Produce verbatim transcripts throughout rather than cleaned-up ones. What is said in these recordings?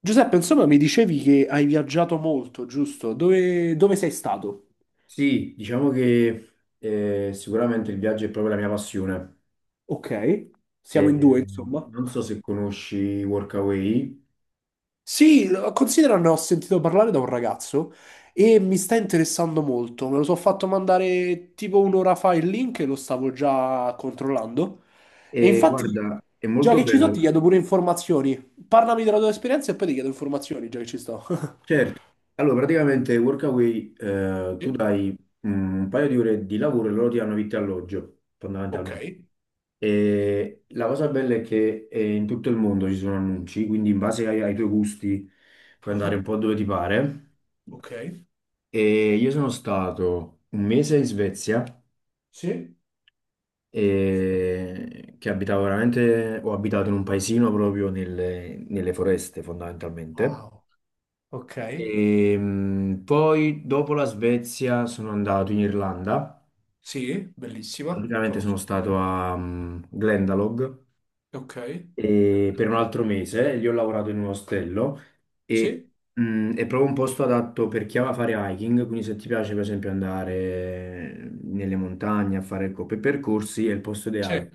Giuseppe, insomma, mi dicevi che hai viaggiato molto, giusto? Dove, dove sei stato? Sì, diciamo che eh, sicuramente il viaggio è proprio la mia passione. Ok, siamo in due, Eh, insomma. Non so se conosci Workaway. Sì, lo- considera, ne ho sentito parlare da un ragazzo e mi sta interessando molto. Me lo sono fatto mandare tipo un'ora fa il link e lo stavo già controllando. E Eh, infatti, Guarda, è già molto che ci sto, ti bello. chiedo pure informazioni. Parlami della tua esperienza e poi ti chiedo informazioni, già che ci sto. Certo. Allora, praticamente Workaway, eh, tu Sì, dai mm, un paio di ore di lavoro e loro ti danno vitto e alloggio, ok. fondamentalmente. E la cosa bella è che eh, in tutto il mondo ci sono annunci, quindi in base ai, ai tuoi gusti puoi andare un Ah, po' dove ti pare. ok. E io sono stato un mese in Svezia. Sì. E che abitavo veramente, ho abitato in un paesino proprio nelle, nelle foreste fondamentalmente. Wow. Ok. E, mh, poi dopo la Svezia sono andato in Irlanda, Sì, bellissima, praticamente sono conosco stato bene. a mh, Glendalough Ok, e per un altro mese, lì ho lavorato in un ostello e sì, mh, è proprio un posto adatto per chi ama fare hiking, quindi se ti piace per esempio andare nelle montagne a fare co- per percorsi è il posto ideale. sì,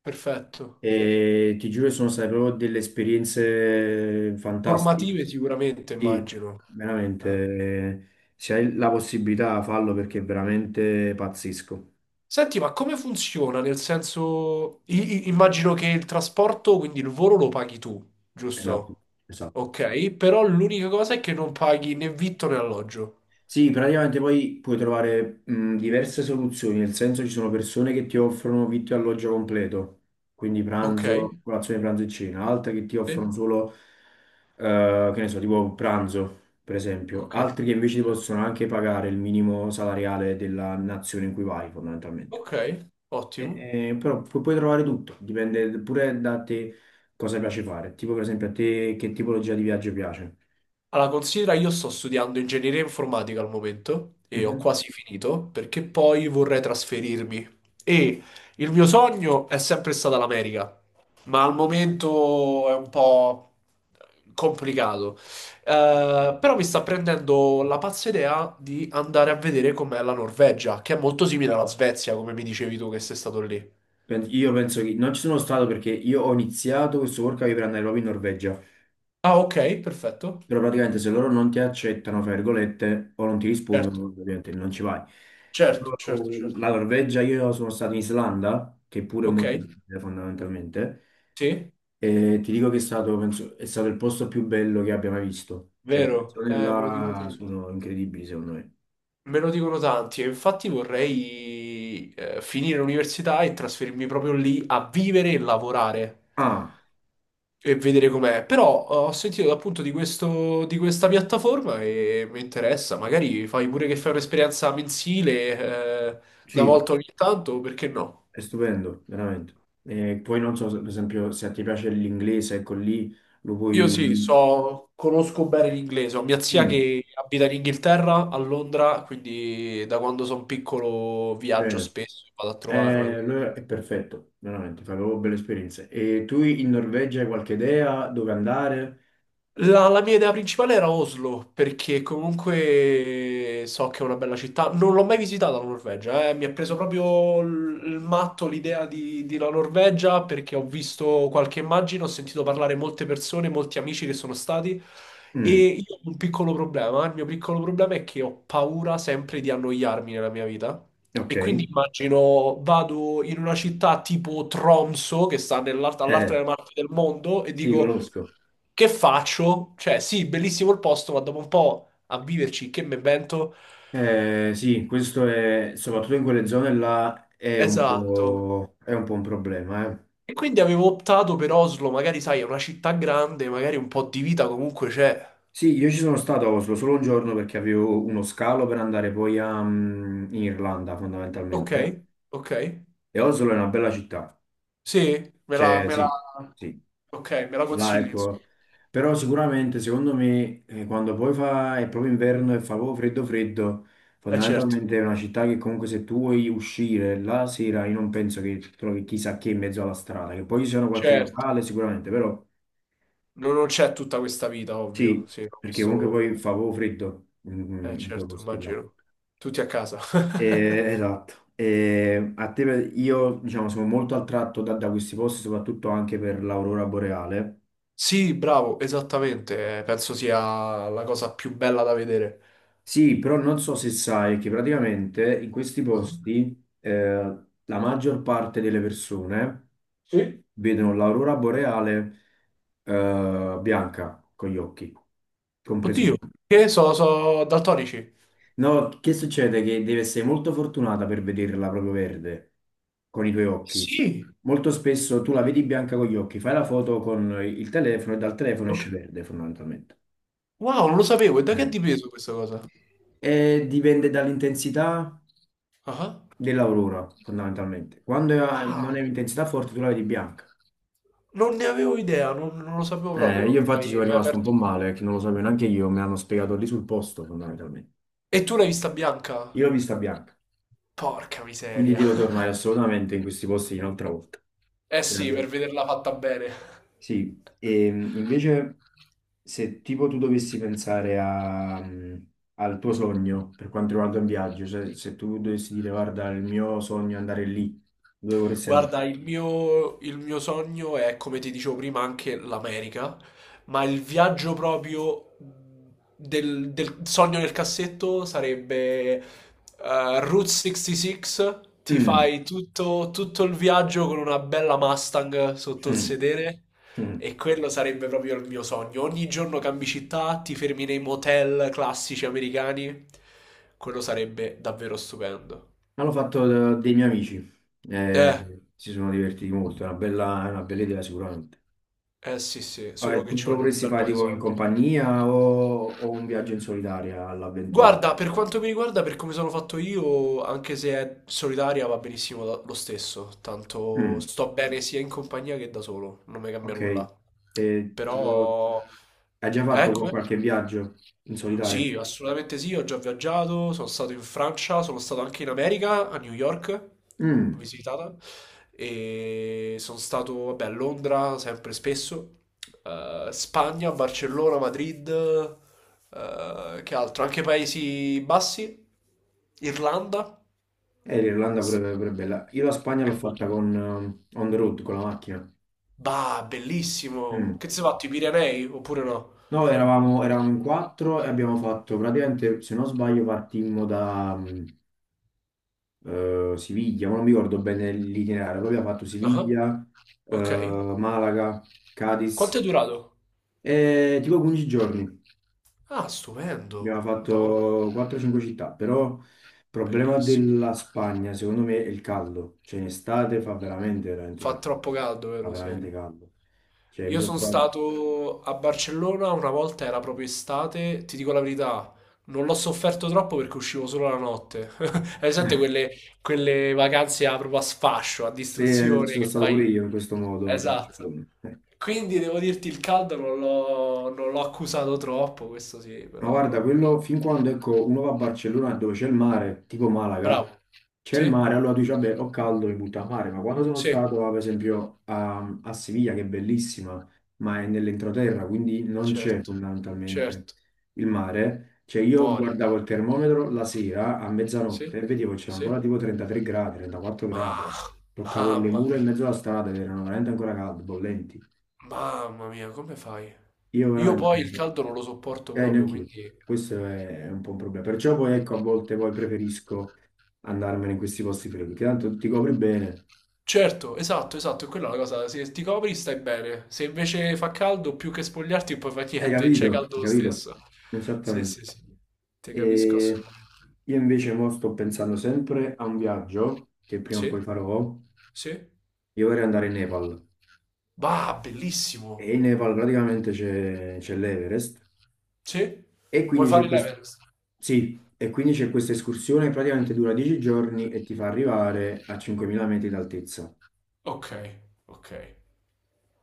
perfetto. E ti giuro, sono state proprio delle esperienze fantastiche. Formative sicuramente, Sì, immagino. Eh. veramente. Se hai la possibilità, fallo perché è veramente pazzesco. Senti, ma come funziona? Nel senso, i- i- immagino che il trasporto, quindi il volo lo paghi tu, Esatto, giusto? esatto. Ok, però l'unica cosa è che non paghi né vitto né alloggio. Sì, praticamente poi puoi trovare mh, diverse soluzioni, nel senso ci sono persone che ti offrono vitto e alloggio completo, quindi Ok, pranzo, colazione, pranzo e cena, altre che ti sì, offrono solo, eh, che ne so, tipo pranzo, per esempio, ok, altri che invece ti possono anche pagare il minimo salariale della nazione in cui vai, fondamentalmente. ok, ottimo. E- e- però pu- puoi trovare tutto, dipende pure da te cosa piace fare, tipo per esempio a te che tipologia di viaggio piace. Allora, considera, io sto studiando ingegneria informatica al momento e ho quasi finito perché poi vorrei trasferirmi. E il mio sogno è sempre stata l'America, ma al momento è un po' complicato. Eh, però mi sta prendendo la pazza idea di andare a vedere com'è la Norvegia, che è molto simile alla Svezia, come mi dicevi tu che sei stato lì. Pen- Io penso che non ci sono stato perché io ho iniziato questo workaway per andare proprio in Norvegia, Ah, ok, perfetto. però praticamente se loro non ti accettano, fra virgolette, o non ti Certo, rispondono, ovviamente non ci vai. certo, Però certo, certo. la Norvegia, io sono stato in Islanda, che pure è Ok, molto simile fondamentalmente, sì, e ti dico che è stato, penso, è stato il posto più bello che abbia mai visto. Cioè, quelle vero, zone eh, me lo dicono là tutti. sono incredibili secondo me. Me lo dicono tanti e infatti vorrei eh, finire l'università e trasferirmi proprio lì a vivere e lavorare Ah, e vedere com'è. Però eh, ho sentito appunto di questo, di questa piattaforma e mi interessa. Magari fai pure che fai un'esperienza mensile eh, una sì, volta ogni tanto, perché no? è stupendo, veramente. E poi non so, se- per esempio, se ti piace l'inglese, ecco lì lo Io puoi... sì, so, conosco bene l'inglese. Ho mia zia Mm, che abita in Inghilterra, a Londra, quindi da quando sono piccolo viaggio bene. spesso e vado a Eh, trovarla. Allora è perfetto, veramente, fai proprio belle esperienze. E tu in Norvegia hai qualche idea dove andare? La, la mia idea principale era Oslo, perché comunque so che è una bella città. Non l'ho mai visitata la Norvegia, eh. Mi ha preso proprio l- il matto l'idea di, di la Norvegia, perché ho visto qualche immagine, ho sentito parlare molte persone, molti amici che sono stati, e Mm, io ho un piccolo problema. Il mio piccolo problema è che ho paura sempre di annoiarmi nella mia vita. ok. E quindi immagino vado in una città tipo Tromso, che sta nell'alt- Eh, all'altra parte del mondo, e sì, dico, conosco. che faccio? Cioè, sì, bellissimo il posto, ma dopo un po' a viverci, che me invento? Eh, sì, questo è, soprattutto in quelle zone là, è un Esatto. po', è un po' un problema, eh. E quindi avevo optato per Oslo, magari sai, è una città grande, magari un po' di vita comunque c'è. Sì, io ci sono stato a Oslo solo un giorno perché avevo uno scalo per andare poi a, mm, in Irlanda Ok, fondamentalmente. ok. E Oslo è una bella città, Sì, me la, cioè me la, sì, sì, ok, me la là consigli, insomma. ecco. Però sicuramente secondo me eh, quando poi fa, è proprio inverno e fa proprio freddo freddo, Eh certo, fondamentalmente è una città che comunque se tu vuoi uscire la sera io non penso che trovi chissà che in mezzo alla strada, che poi ci sono qualche certo. locale sicuramente, però Non non c'è tutta questa vita, ovvio. sì, Sì, no, perché questo comunque lo. poi fa proprio freddo in Eh in quei certo, posti là. immagino. Tutti a casa. Eh, esatto. Eh, a te- per- io diciamo sono molto attratto da, da questi posti, soprattutto anche per l'aurora boreale. Sì, bravo, esattamente. eh, Penso sia la cosa più bella da vedere. Sì, però non so se sai che praticamente in questi Ah. posti eh, la maggior parte delle persone Sì? vedono l'aurora boreale eh, bianca con gli occhi, compreso Oddio, me. che so, so daltonici. No, che succede? Che devi essere molto fortunata per vederla proprio verde con i tuoi occhi. Sì. Molto spesso tu la vedi bianca con gli occhi, fai la foto con il telefono e dal telefono Ok. esce verde fondamentalmente. Wow, non lo sapevo. E da che è Eh. dipeso questa cosa? E dipende dall'intensità Ah, dell'aurora fondamentalmente. Quando è- non è ah, un'intensità forte tu la vedi bianca. non ne avevo idea, non, non lo sapevo Eh, io proprio. Ma infatti hai ci mi sono hai rimasto un po' aperto male un-. perché non lo sapevo neanche io, me l'hanno spiegato lì sul posto fondamentalmente. E tu l'hai vista bianca? Io l'ho vista bianca, Porca quindi miseria. devo tornare assolutamente in questi posti un'altra volta. Eh sì, per Grazie. vederla fatta bene. Sì, e mh, invece se tipo tu dovessi pensare a, mh, al tuo sogno per quanto riguarda un viaggio, cioè se tu dovessi dire guarda il mio sogno è andare lì, dove vorresti andare? Guarda, il mio, il mio sogno è, come ti dicevo prima, anche l'America, ma il viaggio proprio del, del sogno nel cassetto sarebbe eh, Route sessantasei, ti Mm, fai tutto, tutto il viaggio con una bella Mustang sotto il mm, sedere mm. e quello sarebbe proprio il mio sogno. Ogni giorno cambi città, ti fermi nei motel classici americani, quello sarebbe davvero stupendo. Ma l'ho fatto da- dei miei amici, Eh. eh, si sono divertiti molto, è una bella, è una bella idea sicuramente. Eh sì sì, Ah, solo e che tu ci te lo vogliono un vorresti bel fare po' di tipo in soldi. compagnia o, o un viaggio in solitaria all'avventura? Guarda, per quanto mi riguarda, per come sono fatto io, anche se è solitaria va benissimo lo lo stesso, tanto Mm, sto bene sia in compagnia che da solo, non mi cambia ok. nulla. Eh. E tipo... Però. Hai già fatto Ecco, qua qualche viaggio in solitario? sì, assolutamente sì, ho già viaggiato, sono stato in Francia, sono stato anche in America, a New York, ho Mm. visitata, e sono stato, vabbè, a Londra sempre spesso, eh, Spagna, Barcellona, Madrid, eh, che altro? Anche Paesi Bassi, Irlanda, Eh, l'Irlanda pure, pure bella. Io la Spagna l'ho è molto fatta bello. con eh, on the road, con la macchina. Bah, Mm. bellissimo! Che ti sei fatto, i Pirenei, oppure no? No, eravamo, eravamo in quattro e abbiamo fatto praticamente, se non sbaglio, partimmo da mh, eh, Siviglia, ma non mi ricordo bene l'itinerario, poi abbiamo fatto Ah, Siviglia, eh, ok. Malaga, Quanto Cadiz, è durato? e tipo quindici giorni. Ah, stupendo, Abbiamo Madonna. fatto quattro o cinque città, però il problema Bellissimo. della Spagna, secondo me, è il caldo. Cioè, in estate fa veramente, veramente Fa caldo. troppo caldo, Fa vero? Sì. veramente caldo. Cioè, mi Io sono sono trovato... stato a Barcellona una volta, era proprio estate, ti dico la verità, non l'ho sofferto troppo perché uscivo solo la notte. Hai presente quelle, quelle vacanze a- proprio a sfascio, a Sì, eh, ci distruzione sono che stato pure fai? io in questo modo a Esatto. Barcellona. Eh. Quindi devo dirti il caldo non l'ho non l'ho accusato troppo, questo sì, Ma guarda, però. quello fin quando ecco, uno va a Barcellona dove c'è il mare, tipo Malaga, Bravo. c'è il Sì? mare, allora tu dici, vabbè, ho caldo, mi butto a mare, ma quando sono Sì, stato, ah, per esempio, a, a Siviglia, che è bellissima, ma è nell'entroterra, quindi non c'è certo, fondamentalmente certo. il mare, cioè io Muori. guardavo il termometro la sera a Sì? mezzanotte e vedevo che c'era Sì? ancora tipo trentatré gradi, trentaquattro Ma, gradi, toccavo le mamma mura in mia, mezzo alla strada ed erano veramente ancora calde, bollenti. mamma mia, come fai? Io Io veramente... poi il caldo non lo sopporto Eh, proprio, neanch'io. quindi. Questo è, è un po' un problema. Perciò poi ecco, a volte poi preferisco andarmene in questi posti freddi, che tanto ti copri bene. Certo, esatto, esatto, è quella la cosa. Se ti copri stai bene. Se invece fa caldo, più che spogliarti, poi fa Hai niente, e capito? c'è caldo Hai lo capito? stesso. Sì, sì, Esattamente. sì. Ti capisco E assolutamente. io invece mo sto pensando sempre a un viaggio che prima o Sì? poi farò. Sì? Io vorrei andare in Nepal. Bah, E bellissimo. in Nepal praticamente c'è c'è l'Everest. Sì? E Vuoi quindi c'è fare questo... l'Everest? Sì, e quindi c'è questa escursione, praticamente dura dieci giorni e ti fa arrivare a cinquemila metri d'altezza. Ok, ok.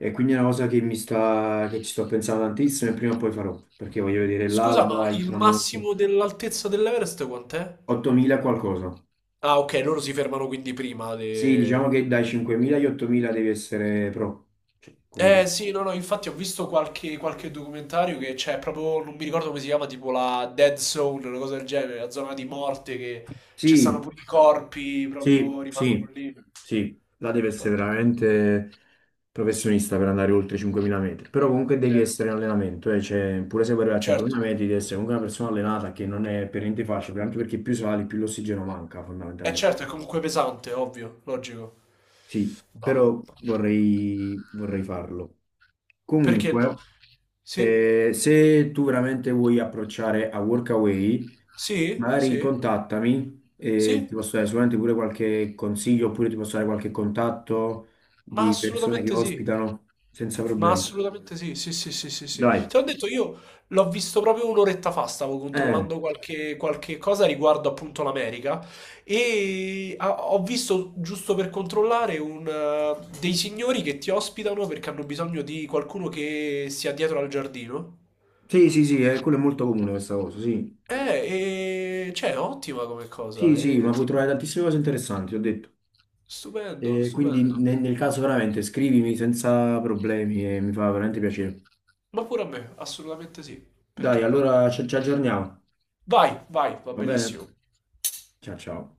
E quindi è una cosa che mi sta, che ci sto pensando tantissimo e prima o poi farò, perché voglio vedere Scusa, ma l'alba, il il tramonto. massimo dell'altezza dell'Everest quant'è? ottomila qualcosa. Ah, ok, loro si fermano quindi prima Sì, diciamo de-. che dai cinquemila agli ottomila devi essere pro. Cioè, comunque... Eh sì, no, no, infatti ho visto qualche, qualche documentario che c'è proprio, non mi ricordo come si chiama, tipo la Dead Zone, una cosa del genere, la zona di morte che ci stanno Sì, pure i corpi, sì, proprio rimangono sì, lì. sì, là devi essere Porca miseria. veramente professionista per andare oltre i cinquemila metri, però comunque devi Eh, sì. essere in allenamento, eh, cioè, pure se vuoi arrivare a Certo, cinquemila metri devi essere comunque una persona allenata che non è per niente facile, anche perché più sali più l'ossigeno manca è fondamentalmente. certo, è comunque pesante, ovvio, logico. Sì, Bah, però porca mia. vorrei, vorrei farlo. Perché no? Comunque, Sì? eh, se tu veramente vuoi approcciare a Workaway, Sì? magari Sì? contattami e ti Sì? posso dare sicuramente pure qualche consiglio oppure ti posso dare qualche contatto Ma di persone che assolutamente sì. ospitano senza Ma problemi. assolutamente sì, sì, sì, sì, sì, sì. Dai. Te l'ho detto, io l'ho visto proprio un'oretta fa, stavo Eh, controllando qualche, qualche cosa riguardo appunto l'America e ha- ho visto, giusto per controllare, un, eh, dei signori che ti ospitano perché hanno bisogno di qualcuno che sia dietro al giardino. sì, sì, sì, eh, quello è molto comune questa cosa, sì. Eh, e cioè, ottima come Sì, cosa, sì, eh, ma puoi ti-. trovare tantissime cose interessanti, ho detto. Stupendo, Eh, quindi stupendo. ne- nel caso veramente scrivimi senza problemi e mi fa veramente piacere. Ma pure a me, assolutamente sì, perché Dai, no? allora ci ci aggiorniamo. Vai, vai, va Va bene? benissimo. Ciao ciao.